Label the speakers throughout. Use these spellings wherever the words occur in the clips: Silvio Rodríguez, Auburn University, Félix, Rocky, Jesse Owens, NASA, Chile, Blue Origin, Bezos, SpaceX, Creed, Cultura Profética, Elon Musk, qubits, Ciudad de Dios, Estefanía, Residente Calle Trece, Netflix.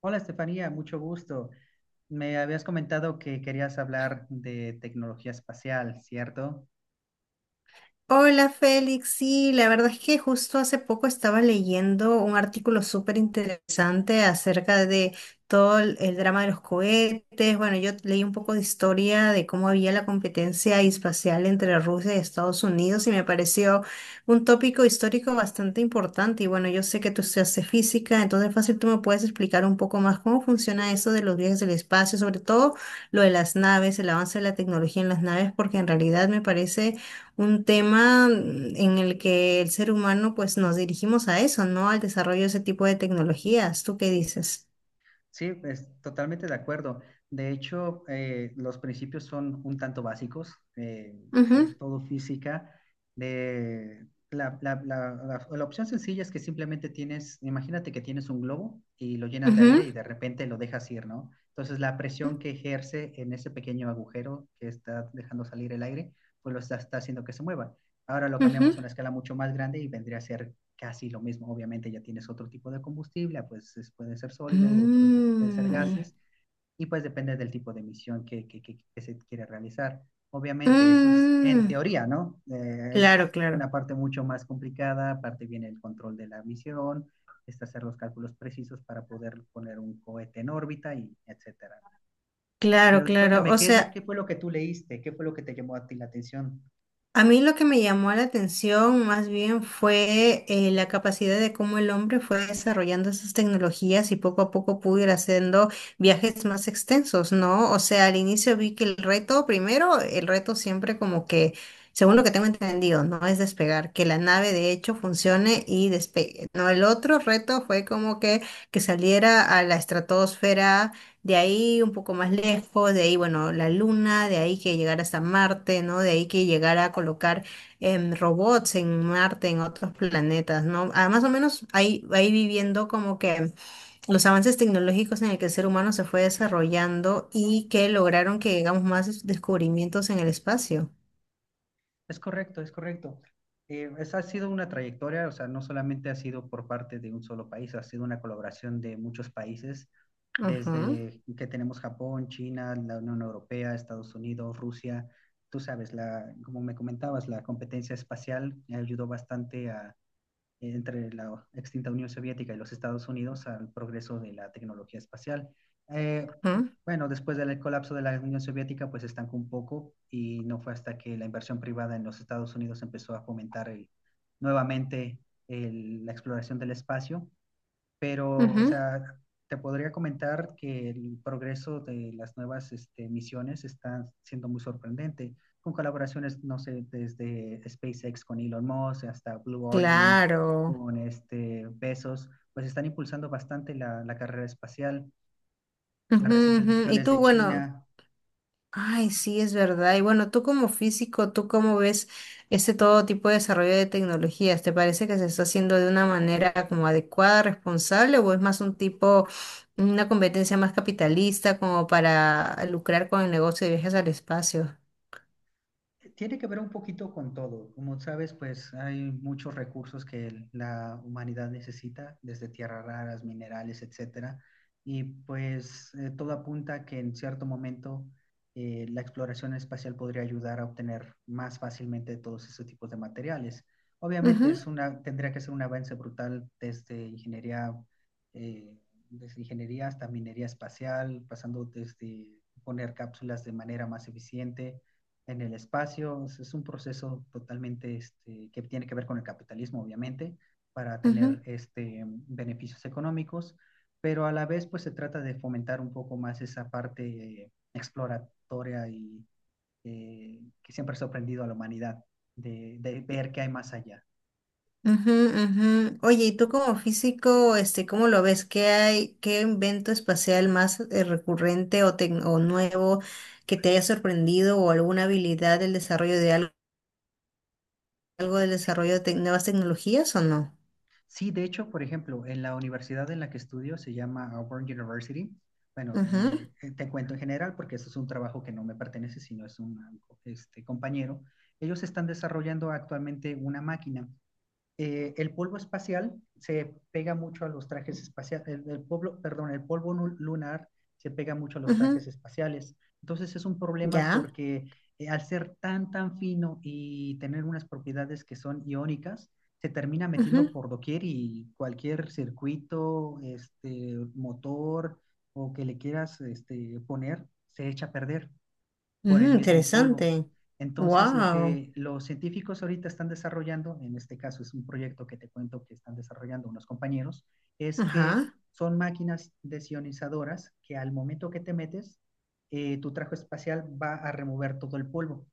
Speaker 1: Hola Estefanía, mucho gusto. Me habías comentado que querías hablar de tecnología espacial, ¿cierto?
Speaker 2: Hola Félix, sí, la verdad es que justo hace poco estaba leyendo un artículo súper interesante acerca de todo el drama de los cohetes. Bueno, yo leí un poco de historia de cómo había la competencia espacial entre Rusia y Estados Unidos y me pareció un tópico histórico bastante importante. Y bueno, yo sé que tú estudiaste física, entonces fácil tú me puedes explicar un poco más cómo funciona eso de los viajes del espacio, sobre todo lo de las naves, el avance de la tecnología en las naves, porque en realidad me parece un tema en el que el ser humano pues nos dirigimos a eso, ¿no? Al desarrollo de ese tipo de tecnologías. ¿Tú qué dices?
Speaker 1: Sí, es totalmente de acuerdo. De hecho, los principios son un tanto básicos.
Speaker 2: Ujú,
Speaker 1: Es todo física. De la, la- la- la- la opción sencilla es que simplemente tienes, imagínate que tienes un globo y lo llenas de aire
Speaker 2: ujú,
Speaker 1: y de repente lo dejas ir, ¿no? Entonces, la presión que ejerce en ese pequeño agujero que está dejando salir el aire, pues lo está haciendo que se mueva. Ahora lo
Speaker 2: ujú.
Speaker 1: cambiamos a una escala mucho más grande y vendría a ser casi lo mismo, obviamente ya tienes otro tipo de combustible, pues pueden ser sólidos, otros pues, pueden ser
Speaker 2: Mm,
Speaker 1: gases, y pues depende del tipo de misión que se quiere realizar. Obviamente, eso es en
Speaker 2: mm.
Speaker 1: teoría, ¿no?
Speaker 2: Claro,
Speaker 1: Es una
Speaker 2: claro,
Speaker 1: parte mucho más complicada, aparte viene el control de la misión, es hacer los cálculos precisos para poder poner un cohete en órbita y etcétera.
Speaker 2: claro,
Speaker 1: Pero
Speaker 2: claro.
Speaker 1: cuéntame,
Speaker 2: O
Speaker 1: ¿qué es lo
Speaker 2: sea,
Speaker 1: qué fue lo que tú leíste? ¿Qué fue lo que te llamó a ti la atención?
Speaker 2: a mí lo que me llamó la atención más bien fue la capacidad de cómo el hombre fue desarrollando esas tecnologías y poco a poco pudo ir haciendo viajes más extensos, ¿no? O sea, al inicio vi que el reto, primero, el reto siempre como que, según lo que tengo entendido, no es despegar, que la nave de hecho funcione y despegue, ¿no? El otro reto fue como que saliera a la estratosfera, de ahí un poco más lejos, de ahí, bueno, la Luna, de ahí que llegara hasta Marte, ¿no? De ahí que llegara a colocar robots en Marte, en otros planetas, ¿no? Ah, más o menos ahí, ahí viviendo como que los avances tecnológicos en el que el ser humano se fue desarrollando y que lograron que llegamos más descubrimientos en el espacio.
Speaker 1: Es correcto, es correcto. Esa ha sido una trayectoria, o sea, no solamente ha sido por parte de un solo país, ha sido una colaboración de muchos países,
Speaker 2: Ujú,
Speaker 1: desde que tenemos Japón, China, la Unión Europea, Estados Unidos, Rusia. Tú sabes, como me comentabas, la competencia espacial ayudó bastante a, entre la extinta Unión Soviética y los Estados Unidos al progreso de la tecnología espacial. Eh,
Speaker 2: ujú,
Speaker 1: bueno, después del colapso de la Unión Soviética, pues estancó un poco y no fue hasta que la inversión privada en los Estados Unidos empezó a fomentar nuevamente la exploración del espacio, pero, o
Speaker 2: ujú.
Speaker 1: sea, te podría comentar que el progreso de las nuevas este, misiones está siendo muy sorprendente, con colaboraciones, no sé, desde SpaceX con Elon Musk hasta Blue Origin
Speaker 2: Claro.
Speaker 1: con este Bezos, pues están impulsando bastante la carrera espacial. Las
Speaker 2: Ujú,
Speaker 1: recientes
Speaker 2: ujú. Y
Speaker 1: misiones
Speaker 2: tú,
Speaker 1: de
Speaker 2: bueno,
Speaker 1: China
Speaker 2: ay, sí, es verdad. Y bueno, tú como físico, ¿tú cómo ves este todo tipo de desarrollo de tecnologías? ¿Te parece que se está haciendo de una manera como adecuada, responsable, o es más un tipo, una competencia más capitalista como para lucrar con el negocio de viajes al espacio?
Speaker 1: tiene que ver un poquito con todo. Como sabes, pues hay muchos recursos que la humanidad necesita, desde tierras raras, minerales, etcétera. Y pues todo apunta a que en cierto momento la exploración espacial podría ayudar a obtener más fácilmente todos esos tipos de materiales. Obviamente
Speaker 2: Ujú,
Speaker 1: es una, tendría que ser un avance brutal eh, desde ingeniería hasta minería espacial, pasando desde poner cápsulas de manera más eficiente en el espacio. Es un proceso totalmente este, que tiene que ver con el capitalismo, obviamente, para
Speaker 2: ujú.
Speaker 1: tener este, beneficios económicos, pero a la vez pues se trata de fomentar un poco más esa parte exploratoria y que siempre ha sorprendido a la humanidad de ver qué hay más allá.
Speaker 2: Ujú, ujú. Oye, ¿y tú como físico, este, cómo lo ves? ¿Qué hay, qué invento espacial más recurrente o, o nuevo que te haya sorprendido o alguna habilidad del desarrollo de algo, algo del
Speaker 1: Sí,
Speaker 2: desarrollo de nuevas tecnologías o no?
Speaker 1: sí, de hecho, por ejemplo, en la universidad en la que estudio se llama Auburn University. Bueno,
Speaker 2: Ujú,
Speaker 1: te cuento en general porque eso es un trabajo que no me pertenece, sino es un este, compañero. Ellos están desarrollando actualmente una máquina. El polvo espacial se pega mucho a los trajes espaciales, el polvo, perdón, el polvo lunar se pega mucho a los
Speaker 2: ujú.
Speaker 1: trajes espaciales. Entonces es un problema
Speaker 2: Ya.
Speaker 1: porque al ser tan fino y tener unas propiedades que son iónicas, se termina metiendo
Speaker 2: Ujú.
Speaker 1: por doquier y cualquier circuito, este, motor o que le quieras este, poner, se echa a perder por el
Speaker 2: Mm,
Speaker 1: mismo polvo.
Speaker 2: interesante.
Speaker 1: Entonces, lo
Speaker 2: Wow.
Speaker 1: que los científicos ahorita están desarrollando, en este caso es un proyecto que te cuento que están desarrollando unos compañeros, es que
Speaker 2: Ajá.
Speaker 1: son máquinas desionizadoras que al momento que te metes, tu traje espacial va a remover todo el polvo,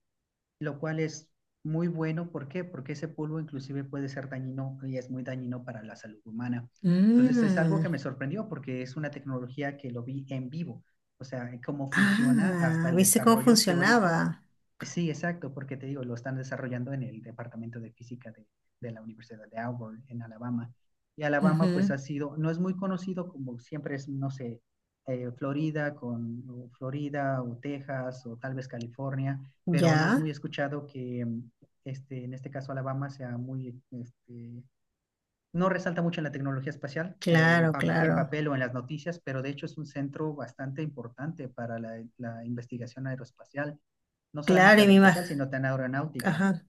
Speaker 1: lo cual es muy bueno. ¿Por qué? Porque ese polvo inclusive puede ser dañino y es muy dañino para la salud humana. Entonces es algo
Speaker 2: Mm.
Speaker 1: que me sorprendió porque es una tecnología que lo vi en vivo, o sea, cómo funciona hasta
Speaker 2: Ah,
Speaker 1: el
Speaker 2: ¿viste cómo
Speaker 1: desarrollo teórico.
Speaker 2: funcionaba?
Speaker 1: Sí, exacto, porque te digo, lo están desarrollando en el Departamento de Física de la Universidad de Auburn, en Alabama. Y Alabama, pues
Speaker 2: Ujú.
Speaker 1: ha sido, no es muy conocido como siempre es, no sé, Florida con o Florida o Texas o tal vez California, pero no es muy
Speaker 2: Ya.
Speaker 1: escuchado que este, en este caso Alabama sea muy este, no resalta mucho en la tecnología espacial,
Speaker 2: Claro,
Speaker 1: en
Speaker 2: claro.
Speaker 1: papel o en las noticias, pero de hecho es un centro bastante importante para la investigación aeroespacial, no
Speaker 2: Claro,
Speaker 1: solamente
Speaker 2: y me
Speaker 1: aeroespacial, sino tan aeronáutica.
Speaker 2: imagino.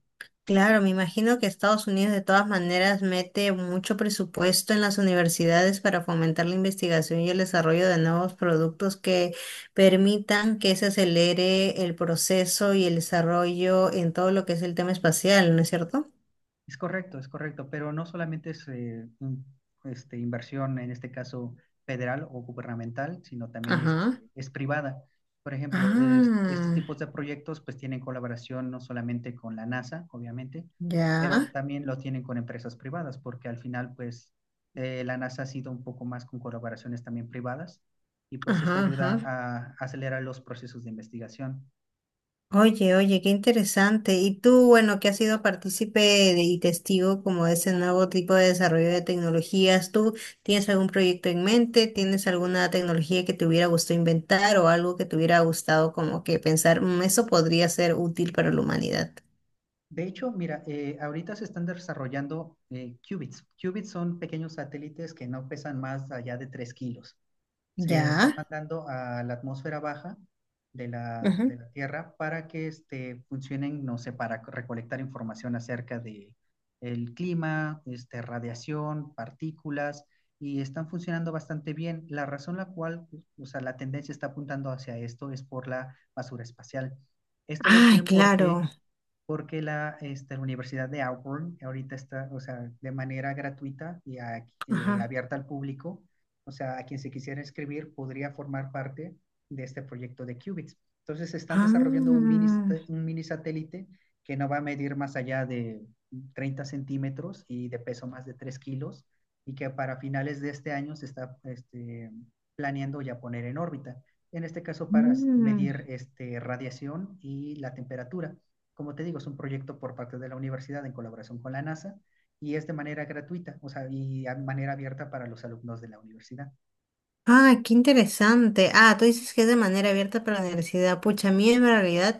Speaker 2: Claro, me imagino que Estados Unidos de todas maneras mete mucho presupuesto en las universidades para fomentar la investigación y el desarrollo de nuevos productos que permitan que se acelere el proceso y el desarrollo en todo lo que es el tema espacial, ¿no es cierto?
Speaker 1: Es correcto, pero no solamente es este, inversión, en este caso federal o gubernamental, sino también este,
Speaker 2: Ajá.
Speaker 1: es privada. Por ejemplo, estos
Speaker 2: Ah,
Speaker 1: tipos de proyectos pues tienen colaboración no solamente con la NASA, obviamente, pero
Speaker 2: ya.
Speaker 1: también lo tienen con empresas privadas, porque al final pues la NASA ha sido un poco más con colaboraciones también privadas y pues eso
Speaker 2: Ajá,
Speaker 1: ayuda
Speaker 2: ajá.
Speaker 1: a acelerar los procesos de investigación.
Speaker 2: Oye, oye, qué interesante. Y tú, bueno, que has sido partícipe de- y testigo como de ese nuevo tipo de desarrollo de tecnologías, ¿tú tienes algún proyecto en mente? ¿Tienes alguna tecnología que te hubiera gustado inventar o algo que te hubiera gustado como que pensar, "Mm, eso podría ser útil para la humanidad"?
Speaker 1: De hecho, mira, ahorita se están desarrollando qubits. Qubits son pequeños satélites que no pesan más allá de 3 kilos. Se están
Speaker 2: Ya.
Speaker 1: mandando a la atmósfera baja de
Speaker 2: Ujú.
Speaker 1: la Tierra para que este, funcionen, no sé, para recolectar información acerca de el clima, este, radiación, partículas, y están funcionando bastante bien. La razón la cual, o sea, la tendencia está apuntando hacia esto es por la basura espacial. Esto lo sé
Speaker 2: Ay,
Speaker 1: porque
Speaker 2: claro.
Speaker 1: porque la, este, la Universidad de Auburn ahorita está, o sea, de manera gratuita y
Speaker 2: Ajá.
Speaker 1: abierta al público, o sea, a quien se quisiera inscribir podría formar parte de este proyecto de qubits. Entonces, están desarrollando
Speaker 2: Ah,
Speaker 1: un mini satélite que no va a medir más allá de 30 centímetros y de peso más de 3 kilos, y que para finales de este año se está este, planeando ya poner en órbita. En este caso, para medir
Speaker 2: mm.
Speaker 1: este, radiación y la temperatura. Como te digo, es un proyecto por parte de la universidad en colaboración con la NASA y es de manera gratuita, o sea, y de manera abierta para los alumnos de la universidad.
Speaker 2: Ah, qué interesante. Ah, tú dices que es de manera abierta para la universidad. Pucha, a mí en realidad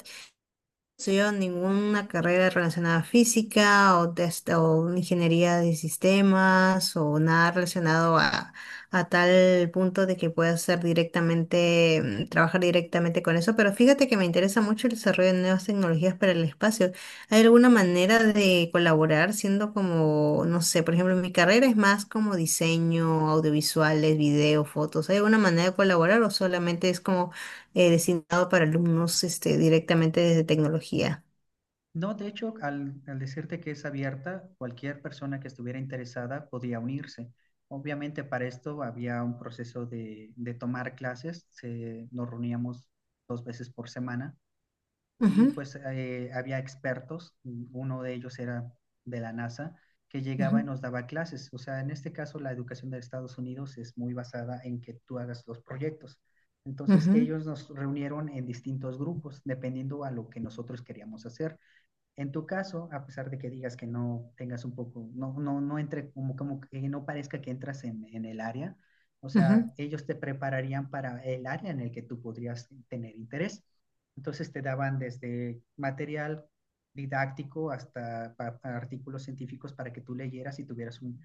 Speaker 2: estudiado ninguna carrera relacionada a física o, de o ingeniería de sistemas o nada relacionado a tal punto de que pueda ser directamente, trabajar directamente con eso. Pero fíjate que me interesa mucho el desarrollo de nuevas tecnologías para el espacio. ¿Hay alguna manera de colaborar siendo como, no sé, por ejemplo, mi carrera es más como diseño, audiovisuales, video, fotos? ¿Hay alguna manera de colaborar o solamente es como designado para alumnos este, directamente desde tecnología?
Speaker 1: No, de hecho, al decirte que es abierta, cualquier persona que estuviera interesada podía unirse. Obviamente para esto había un proceso de tomar clases, se, nos reuníamos 2 veces por semana y
Speaker 2: Ujú,
Speaker 1: pues había expertos, uno de ellos era de la NASA, que llegaba y
Speaker 2: ujú,
Speaker 1: nos daba clases. O sea, en este caso la educación de Estados Unidos es muy basada en que tú hagas los proyectos. Entonces
Speaker 2: ujú,
Speaker 1: ellos nos reunieron en distintos grupos, dependiendo a lo que nosotros queríamos hacer. En tu caso, a pesar de que digas que no tengas un poco, no entre, como que no parezca que entras en el área, o
Speaker 2: ujú.
Speaker 1: sea, ellos te prepararían para el área en el que tú podrías tener interés. Entonces te daban desde material didáctico hasta pa artículos científicos para que tú leyeras y tuvieras un,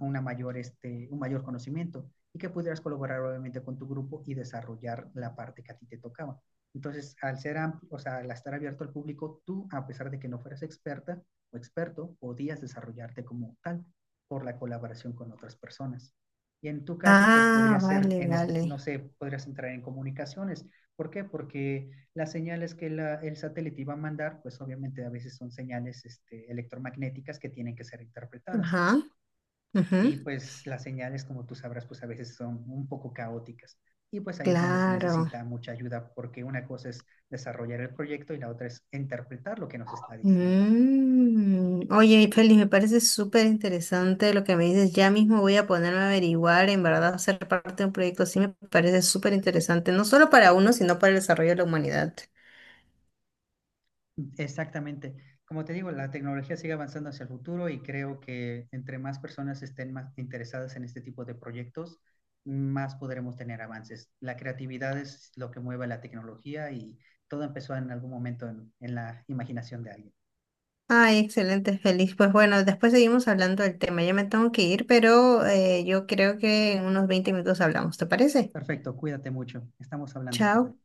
Speaker 1: una mayor, este, un mayor conocimiento y que pudieras colaborar obviamente con tu grupo y desarrollar la parte que a ti te tocaba. Entonces, al ser amplio, o sea, al estar abierto al público, tú, a pesar de que no fueras experta o experto, podías desarrollarte como tal por la colaboración con otras personas. Y en tu caso, pues
Speaker 2: Ah,
Speaker 1: podría ser,
Speaker 2: vale,
Speaker 1: en, no
Speaker 2: vale.
Speaker 1: sé, podrías entrar en comunicaciones. ¿Por qué? Porque las señales que el satélite iba a mandar, pues obviamente a veces son señales este, electromagnéticas que tienen que ser interpretadas
Speaker 2: Ajá, ujú,
Speaker 1: y pues las señales, como tú sabrás, pues a veces son un poco caóticas. Y pues ahí es donde se
Speaker 2: claro.
Speaker 1: necesita mucha ayuda, porque una cosa es desarrollar el proyecto y la otra es interpretar lo que nos está diciendo.
Speaker 2: Mm. Oye, Félix, me parece súper interesante lo que me dices. Ya mismo voy a ponerme a averiguar, en verdad, ser parte de un proyecto así me parece súper interesante, no solo para uno, sino para el desarrollo de la humanidad.
Speaker 1: Exactamente. Como te digo, la tecnología sigue avanzando hacia el futuro y creo que entre más personas estén más interesadas en este tipo de proyectos, más podremos tener avances. La creatividad es lo que mueve la tecnología y todo empezó en algún momento en la imaginación de alguien.
Speaker 2: Ay, excelente, feliz. Pues bueno, después seguimos hablando del tema. Ya me tengo que ir, pero yo creo que en unos 20 minutos hablamos, ¿te parece?
Speaker 1: Perfecto, cuídate mucho. Estamos hablando, Estefan.
Speaker 2: Chao.